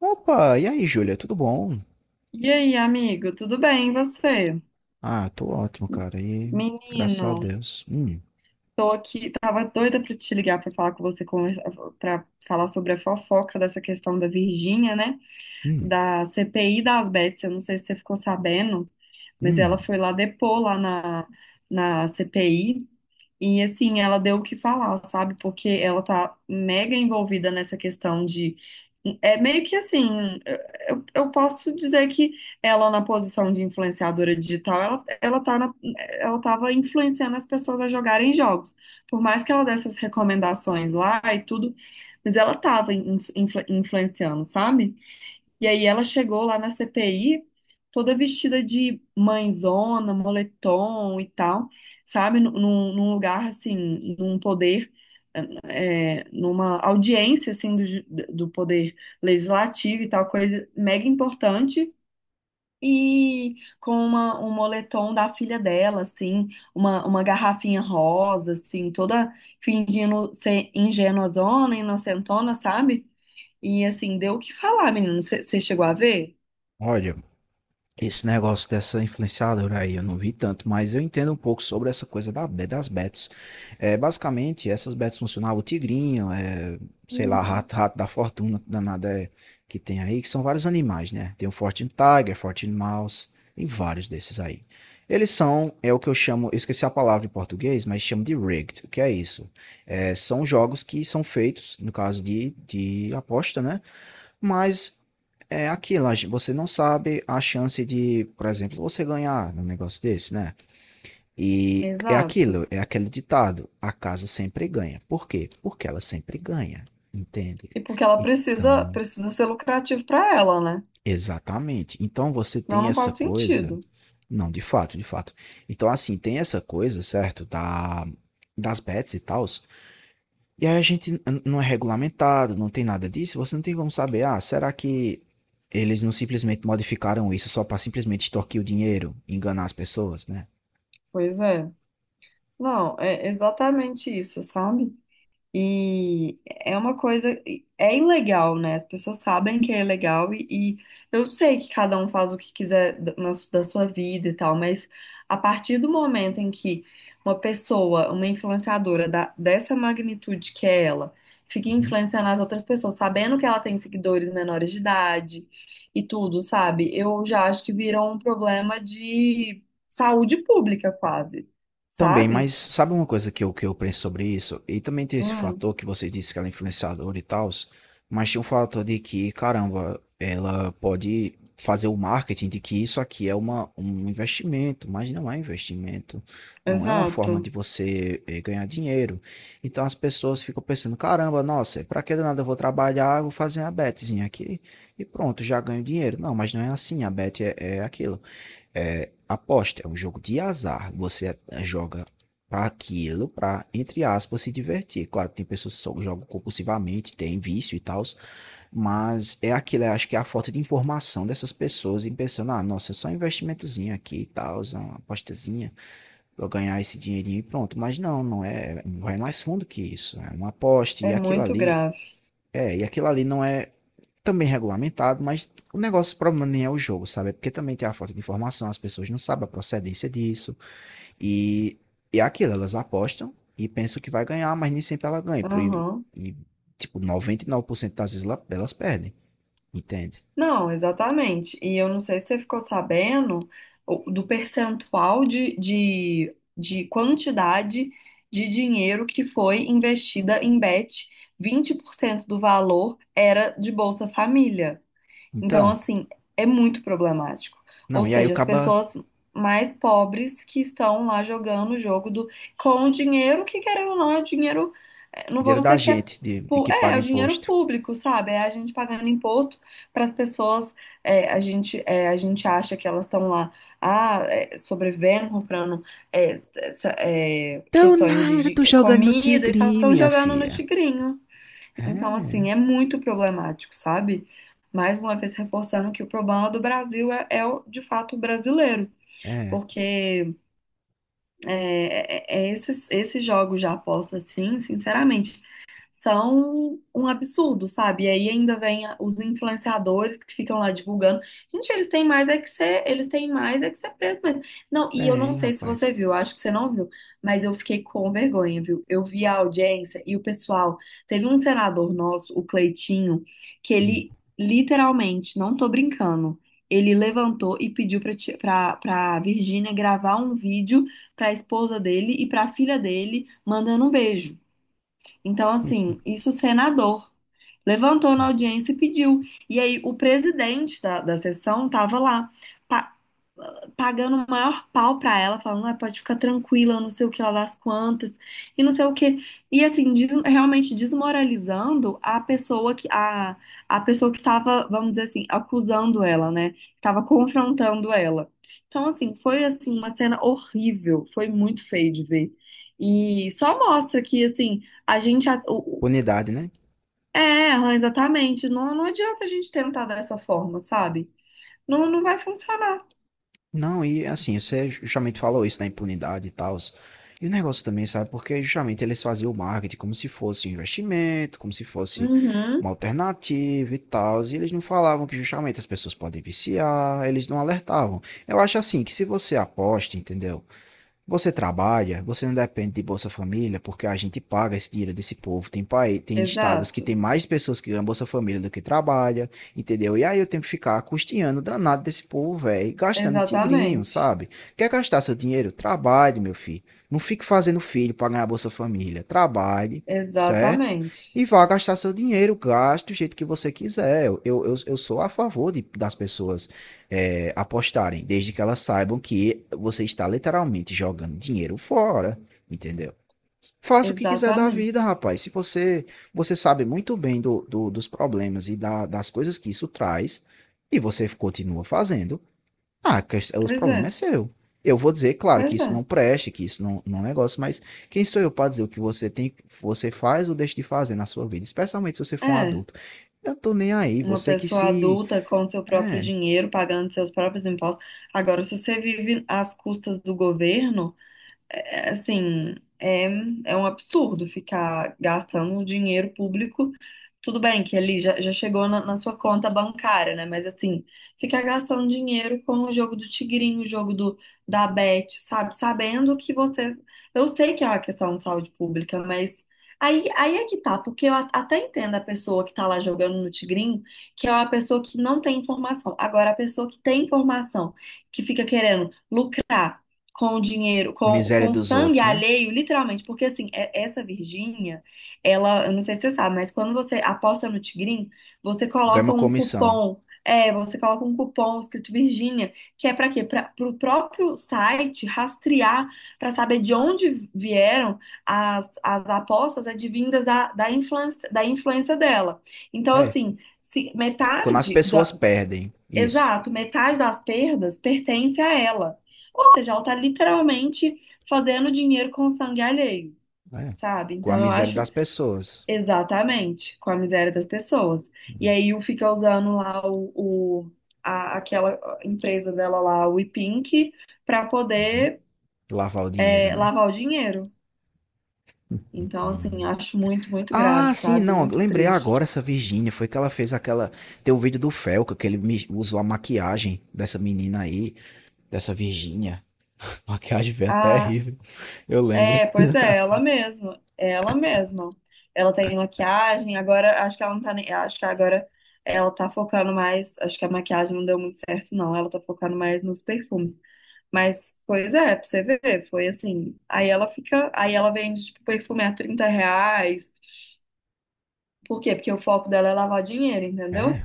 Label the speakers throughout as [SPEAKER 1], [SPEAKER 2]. [SPEAKER 1] Opa, e aí, Júlia, tudo bom?
[SPEAKER 2] E aí, amigo, tudo bem? E você?
[SPEAKER 1] Ah, tô ótimo, cara, e graças
[SPEAKER 2] Menino,
[SPEAKER 1] a Deus.
[SPEAKER 2] tô aqui, tava doida pra te ligar pra falar com você, para falar sobre a fofoca dessa questão da Virgínia, né?
[SPEAKER 1] Hum,
[SPEAKER 2] Da CPI das Bets, eu não sei se você ficou sabendo, mas ela
[SPEAKER 1] hum.
[SPEAKER 2] foi lá depor lá na CPI. E assim, ela deu o que falar, sabe? Porque ela tá mega envolvida nessa questão de. É meio que assim, eu posso dizer que ela na posição de influenciadora digital, ela ela tava influenciando as pessoas a jogarem jogos. Por mais que ela desse as recomendações lá e tudo, mas ela tava influenciando, sabe? E aí ela chegou lá na CPI, toda vestida de mãezona, moletom e tal, sabe? Num lugar, assim, num poder, numa audiência, assim, do poder legislativo e tal, coisa mega importante. E com um moletom da filha dela, assim, uma garrafinha rosa, assim, toda fingindo ser ingênuazona, inocentona, sabe? E assim, deu o que falar, menino. Você chegou a ver?
[SPEAKER 1] Olha, esse negócio dessa influenciadora aí, eu não vi tanto, mas eu entendo um pouco sobre essa coisa das bets. É, basicamente, essas bets funcionavam, o tigrinho, é, sei lá,
[SPEAKER 2] Uhum.
[SPEAKER 1] rato da fortuna, que danada é, que tem aí, que são vários animais, né? Tem o Fortune Tiger, Fortune Mouse, tem vários desses aí. Eles são, é o que eu chamo, eu esqueci a palavra em português, mas chamo de rigged. O que é isso? É, são jogos que são feitos, no caso de aposta, né? Mas é aquilo, você não sabe a chance de, por exemplo, você ganhar num negócio desse, né? E é
[SPEAKER 2] Exato.
[SPEAKER 1] aquilo, é aquele ditado, a casa sempre ganha. Por quê? Porque ela sempre ganha, entende?
[SPEAKER 2] E porque ela precisa,
[SPEAKER 1] Então,
[SPEAKER 2] precisa ser lucrativo para ela, né?
[SPEAKER 1] exatamente. Então você
[SPEAKER 2] Não,
[SPEAKER 1] tem
[SPEAKER 2] não
[SPEAKER 1] essa
[SPEAKER 2] faz
[SPEAKER 1] coisa,
[SPEAKER 2] sentido.
[SPEAKER 1] não, de fato, de fato. Então assim, tem essa coisa, certo, da das bets e tal. E aí a gente não é regulamentado, não tem nada disso, você não tem como saber, ah, será que eles não simplesmente modificaram isso só para simplesmente extorquir o dinheiro, enganar as pessoas, né?
[SPEAKER 2] Pois é. Não, é exatamente isso, sabe? E é uma coisa, é ilegal, né? As pessoas sabem que é ilegal e eu sei que cada um faz o que quiser da sua vida e tal, mas a partir do momento em que uma pessoa, uma influenciadora dessa magnitude que é ela, fica
[SPEAKER 1] Uhum.
[SPEAKER 2] influenciando as outras pessoas, sabendo que ela tem seguidores menores de idade e tudo, sabe? Eu já acho que virou um problema de saúde pública quase,
[SPEAKER 1] Também,
[SPEAKER 2] sabe?
[SPEAKER 1] mas sabe uma coisa que eu penso sobre isso? E também tem esse
[SPEAKER 2] Hum,
[SPEAKER 1] fator que você disse que ela é influenciadora e tal, mas tem um fator de que, caramba, ela pode fazer o marketing de que isso aqui é um investimento, mas não é investimento, não é uma
[SPEAKER 2] exato.
[SPEAKER 1] forma de você ganhar dinheiro. Então as pessoas ficam pensando, caramba, nossa, pra que do nada eu vou trabalhar, eu vou fazer a betezinha aqui e pronto, já ganho dinheiro. Não, mas não é assim, a bet é aquilo. Aposta é um jogo de azar. Você joga para aquilo, para, entre aspas, se divertir. Claro que tem pessoas que só jogam compulsivamente, tem vício e tal, mas é aquilo, eu acho que é a falta de informação dessas pessoas. E pensando, ah, nossa, é só um investimentozinho aqui e tal, uma apostazinha, pra ganhar esse dinheirinho e pronto. Mas não, não é, vai mais fundo que isso, é uma aposta
[SPEAKER 2] É
[SPEAKER 1] e aquilo
[SPEAKER 2] muito
[SPEAKER 1] ali,
[SPEAKER 2] grave.
[SPEAKER 1] é, e aquilo ali não é também regulamentado, mas o negócio, o problema nem é o jogo, sabe? É porque também tem a falta de informação, as pessoas não sabem a procedência disso, e, é aquilo, elas apostam e pensam que vai ganhar, mas nem sempre ela ganha.
[SPEAKER 2] Aham.
[SPEAKER 1] E, tipo, 99% das vezes elas perdem, entende?
[SPEAKER 2] Não, exatamente. E eu não sei se você ficou sabendo do percentual de, de quantidade de dinheiro que foi investida em bet. 20% do valor era de Bolsa Família. Então,
[SPEAKER 1] Então,
[SPEAKER 2] assim, é muito problemático. Ou
[SPEAKER 1] não, e aí o
[SPEAKER 2] seja, as
[SPEAKER 1] caba
[SPEAKER 2] pessoas mais pobres que estão lá jogando o jogo do com dinheiro que, querendo ou não, é dinheiro. Não vou
[SPEAKER 1] dinheiro
[SPEAKER 2] dizer
[SPEAKER 1] da
[SPEAKER 2] que é.
[SPEAKER 1] gente, de que
[SPEAKER 2] É
[SPEAKER 1] paga
[SPEAKER 2] o dinheiro
[SPEAKER 1] imposto.
[SPEAKER 2] público, sabe? É a gente pagando imposto para as pessoas. A gente acha que elas estão lá, ah, sobrevivendo, comprando
[SPEAKER 1] Então
[SPEAKER 2] questões de,
[SPEAKER 1] nada, tô
[SPEAKER 2] de
[SPEAKER 1] jogando no
[SPEAKER 2] comida e tal,
[SPEAKER 1] tigrinho,
[SPEAKER 2] estão
[SPEAKER 1] minha
[SPEAKER 2] jogando no
[SPEAKER 1] filha.
[SPEAKER 2] tigrinho. Então,
[SPEAKER 1] É,
[SPEAKER 2] assim, é muito problemático, sabe? Mais uma vez reforçando que o problema do Brasil é de fato o brasileiro,
[SPEAKER 1] é,
[SPEAKER 2] porque esses jogos de aposta, assim, sinceramente são um absurdo, sabe? E aí ainda vem os influenciadores que ficam lá divulgando. Gente, eles têm mais é que ser preso mesmo. Não, e eu não
[SPEAKER 1] tem,
[SPEAKER 2] sei se você
[SPEAKER 1] rapaz.
[SPEAKER 2] viu, acho que você não viu, mas eu fiquei com vergonha, viu? Eu vi a audiência e o pessoal, teve um senador nosso, o Cleitinho, que
[SPEAKER 1] Hum,
[SPEAKER 2] ele literalmente, não tô brincando, ele levantou e pediu pra ti- pra para Virgínia gravar um vídeo pra esposa dele e pra filha dele mandando um beijo. Então, assim, isso o senador levantou na
[SPEAKER 1] então.
[SPEAKER 2] audiência e pediu. E aí o presidente da sessão estava lá. Pa- pagando o maior pau pra ela, falando, ah, pode ficar tranquila, não sei o que lá das quantas, e não sei o que. E assim, realmente desmoralizando a pessoa que tava, vamos dizer assim, acusando ela, né? Que tava confrontando ela. Então, assim, foi assim uma cena horrível, foi muito feio de ver. E só mostra que assim, a gente
[SPEAKER 1] Unidade, né?
[SPEAKER 2] exatamente, não, não adianta a gente tentar dessa forma, sabe? Não, não vai funcionar.
[SPEAKER 1] Não, e assim, você justamente falou isso da impunidade e tal. E o negócio também, sabe? Porque justamente eles faziam o marketing como se fosse um investimento, como se fosse uma
[SPEAKER 2] Uhum,
[SPEAKER 1] alternativa e tal. E eles não falavam que justamente as pessoas podem viciar, eles não alertavam. Eu acho assim que se você aposta, entendeu? Você trabalha, você não depende de Bolsa Família, porque a gente paga esse dinheiro desse povo. Tem país, tem estados que
[SPEAKER 2] exato.
[SPEAKER 1] tem mais pessoas que ganham Bolsa Família do que trabalha, entendeu? E aí eu tenho que ficar custeando o danado desse povo, velho, gastando em tigrinho,
[SPEAKER 2] Exatamente.
[SPEAKER 1] sabe? Quer gastar seu dinheiro? Trabalhe, meu filho. Não fique fazendo filho para ganhar Bolsa Família. Trabalhe, certo?
[SPEAKER 2] Exatamente.
[SPEAKER 1] E vá gastar seu dinheiro, gaste do jeito que você quiser. Eu sou a favor das pessoas apostarem, desde que elas saibam que você está literalmente jogando dinheiro fora, entendeu? Faça o que quiser da
[SPEAKER 2] Exatamente.
[SPEAKER 1] vida, rapaz. Se você você sabe muito bem dos problemas e das coisas que isso traz, e você continua fazendo, ah, que- os
[SPEAKER 2] Pois é.
[SPEAKER 1] problemas é seu. Eu vou dizer, claro, que
[SPEAKER 2] Pois
[SPEAKER 1] isso
[SPEAKER 2] é.
[SPEAKER 1] não preste, que isso não, não é um negócio, mas quem sou eu para dizer o que você tem, você faz ou deixa de fazer na sua vida, especialmente se você for um
[SPEAKER 2] É.
[SPEAKER 1] adulto. Eu tô nem aí,
[SPEAKER 2] Uma
[SPEAKER 1] você que
[SPEAKER 2] pessoa
[SPEAKER 1] se.
[SPEAKER 2] adulta com seu próprio
[SPEAKER 1] É,
[SPEAKER 2] dinheiro, pagando seus próprios impostos. Agora, se você vive às custas do governo. Assim, é, é um absurdo ficar gastando um dinheiro público. Tudo bem que ali já, já chegou na sua conta bancária, né? Mas assim, ficar gastando dinheiro com o jogo do tigrinho, da Bet, sabe? Sabendo que você. Eu sei que é uma questão de saúde pública, mas aí é que tá, porque eu até entendo a pessoa que tá lá jogando no tigrinho, que é uma pessoa que não tem informação. Agora, a pessoa que tem informação, que fica querendo lucrar com o dinheiro, com,
[SPEAKER 1] miséria
[SPEAKER 2] com
[SPEAKER 1] dos
[SPEAKER 2] sangue
[SPEAKER 1] outros, né?
[SPEAKER 2] alheio, literalmente, porque assim, essa Virgínia, ela, eu não sei se você sabe, mas quando você aposta no Tigrinho,
[SPEAKER 1] Ganha uma comissão.
[SPEAKER 2] você coloca um cupom escrito Virgínia, que é para quê? Para o próprio site rastrear, para saber de onde vieram as apostas advindas da influência dela. Então,
[SPEAKER 1] É.
[SPEAKER 2] assim, se
[SPEAKER 1] E quando as
[SPEAKER 2] metade
[SPEAKER 1] pessoas perdem isso,
[SPEAKER 2] Exato, metade das perdas pertence a ela. Ou seja, ela está literalmente fazendo dinheiro com o sangue alheio,
[SPEAKER 1] né?
[SPEAKER 2] sabe?
[SPEAKER 1] Com a
[SPEAKER 2] Então eu
[SPEAKER 1] miséria
[SPEAKER 2] acho
[SPEAKER 1] das pessoas.
[SPEAKER 2] exatamente com a miséria das pessoas. E aí o fica usando lá o- aquela empresa dela lá, o Pink, para
[SPEAKER 1] Uhum.
[SPEAKER 2] poder
[SPEAKER 1] Lavar o dinheiro, né?
[SPEAKER 2] lavar o dinheiro. Então, assim,
[SPEAKER 1] Uhum.
[SPEAKER 2] acho muito, muito grave,
[SPEAKER 1] Ah, sim,
[SPEAKER 2] sabe?
[SPEAKER 1] não.
[SPEAKER 2] Muito
[SPEAKER 1] Lembrei agora
[SPEAKER 2] triste.
[SPEAKER 1] essa Virgínia. Foi que ela fez aquela. Tem o vídeo do Felca, que ele usou a maquiagem dessa menina aí, dessa Virgínia. Maquiagem veio até horrível. Eu lembro.
[SPEAKER 2] É, pois é, ela mesma, ela mesma. Ela tem maquiagem, agora acho que ela não tá nem, acho que agora ela tá focando mais, acho que a maquiagem não deu muito certo não, ela tá focando mais nos perfumes. Mas, pois é, pra você ver, foi assim. Aí ela vende tipo perfume a R$ 30. Por quê? Porque o foco dela é lavar dinheiro, entendeu?
[SPEAKER 1] É.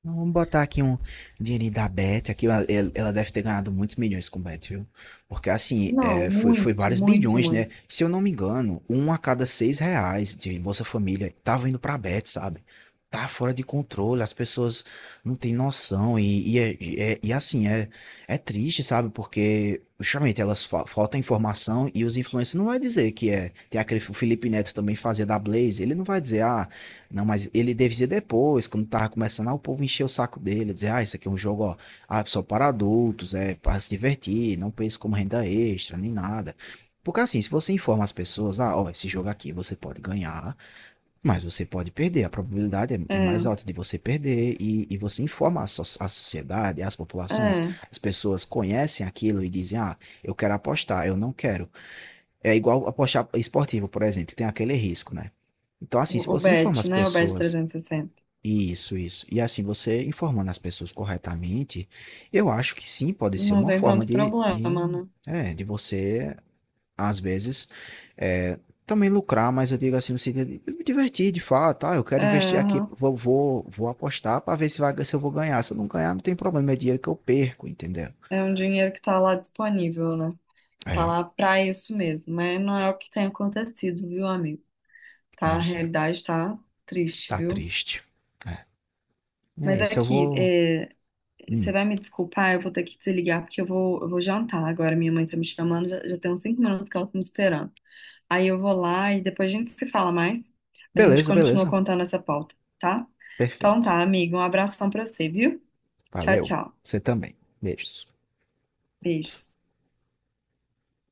[SPEAKER 1] Então, vamos botar aqui um dinheirinho da Beth. Aqui ela deve ter ganhado muitos milhões com Bet, viu? Porque assim,
[SPEAKER 2] Não,
[SPEAKER 1] foi
[SPEAKER 2] muito,
[SPEAKER 1] vários
[SPEAKER 2] muito,
[SPEAKER 1] bilhões, né?
[SPEAKER 2] muito.
[SPEAKER 1] Se eu não me engano, um a cada 6 reais de Bolsa Família tava indo pra Bet, sabe? Tá fora de controle, as pessoas não têm noção. Assim, é triste, sabe? Porque justamente elas fa falta informação e os influencers não vai dizer que é. Tem aquele o Felipe Neto também fazia da Blaze, ele não vai dizer, ah. Não, mas ele devia depois, quando tava começando, ah, o povo encheu o saco dele, dizer, ah, isso aqui é um jogo, ó, ah, só para adultos, é para se divertir, não pense como renda extra, nem nada. Porque assim, se você informa as pessoas, ah, ó, esse jogo aqui você pode ganhar, mas você pode perder, a probabilidade é mais
[SPEAKER 2] É,
[SPEAKER 1] alta de você perder, e você informa a, a sociedade, as populações,
[SPEAKER 2] é.
[SPEAKER 1] as pessoas conhecem aquilo e dizem, ah, eu quero apostar, eu não quero. É igual apostar esportivo, por exemplo, tem aquele risco, né? Então, assim, se
[SPEAKER 2] O
[SPEAKER 1] você informa
[SPEAKER 2] Bet,
[SPEAKER 1] as
[SPEAKER 2] né? O Bet
[SPEAKER 1] pessoas
[SPEAKER 2] 360.
[SPEAKER 1] isso, isso. E assim, você informando as pessoas corretamente, eu acho que sim, pode ser
[SPEAKER 2] Não
[SPEAKER 1] uma
[SPEAKER 2] tem
[SPEAKER 1] forma
[SPEAKER 2] tanto
[SPEAKER 1] de, de,
[SPEAKER 2] problema, né?
[SPEAKER 1] é, de você, às vezes, é, também lucrar, mas eu digo assim, no sentido de me divertir de fato, ah, eu quero
[SPEAKER 2] É,
[SPEAKER 1] investir aqui,
[SPEAKER 2] aham.
[SPEAKER 1] vou apostar para ver se eu vou ganhar. Se eu não ganhar, não tem problema, é dinheiro que eu perco, entendeu?
[SPEAKER 2] É um dinheiro que tá lá disponível, né? Tá
[SPEAKER 1] É,
[SPEAKER 2] lá pra isso mesmo, mas não é o que tem acontecido, viu, amigo? Tá, a
[SPEAKER 1] pois é.
[SPEAKER 2] realidade tá triste,
[SPEAKER 1] Tá
[SPEAKER 2] viu?
[SPEAKER 1] triste. É, é
[SPEAKER 2] Mas
[SPEAKER 1] isso, eu
[SPEAKER 2] aqui,
[SPEAKER 1] vou.
[SPEAKER 2] você
[SPEAKER 1] Hum.
[SPEAKER 2] vai me desculpar, eu vou ter que desligar porque eu vou jantar agora. Minha mãe tá me chamando, já tem uns 5 minutos que ela tá me esperando. Aí eu vou lá e depois a gente se fala mais. A gente
[SPEAKER 1] Beleza,
[SPEAKER 2] continua
[SPEAKER 1] beleza.
[SPEAKER 2] contando essa pauta, tá? Então
[SPEAKER 1] Perfeito.
[SPEAKER 2] tá, amigo, um abração pra você, viu? Tchau,
[SPEAKER 1] Valeu.
[SPEAKER 2] tchau.
[SPEAKER 1] Você também. Beijos.
[SPEAKER 2] Beijos.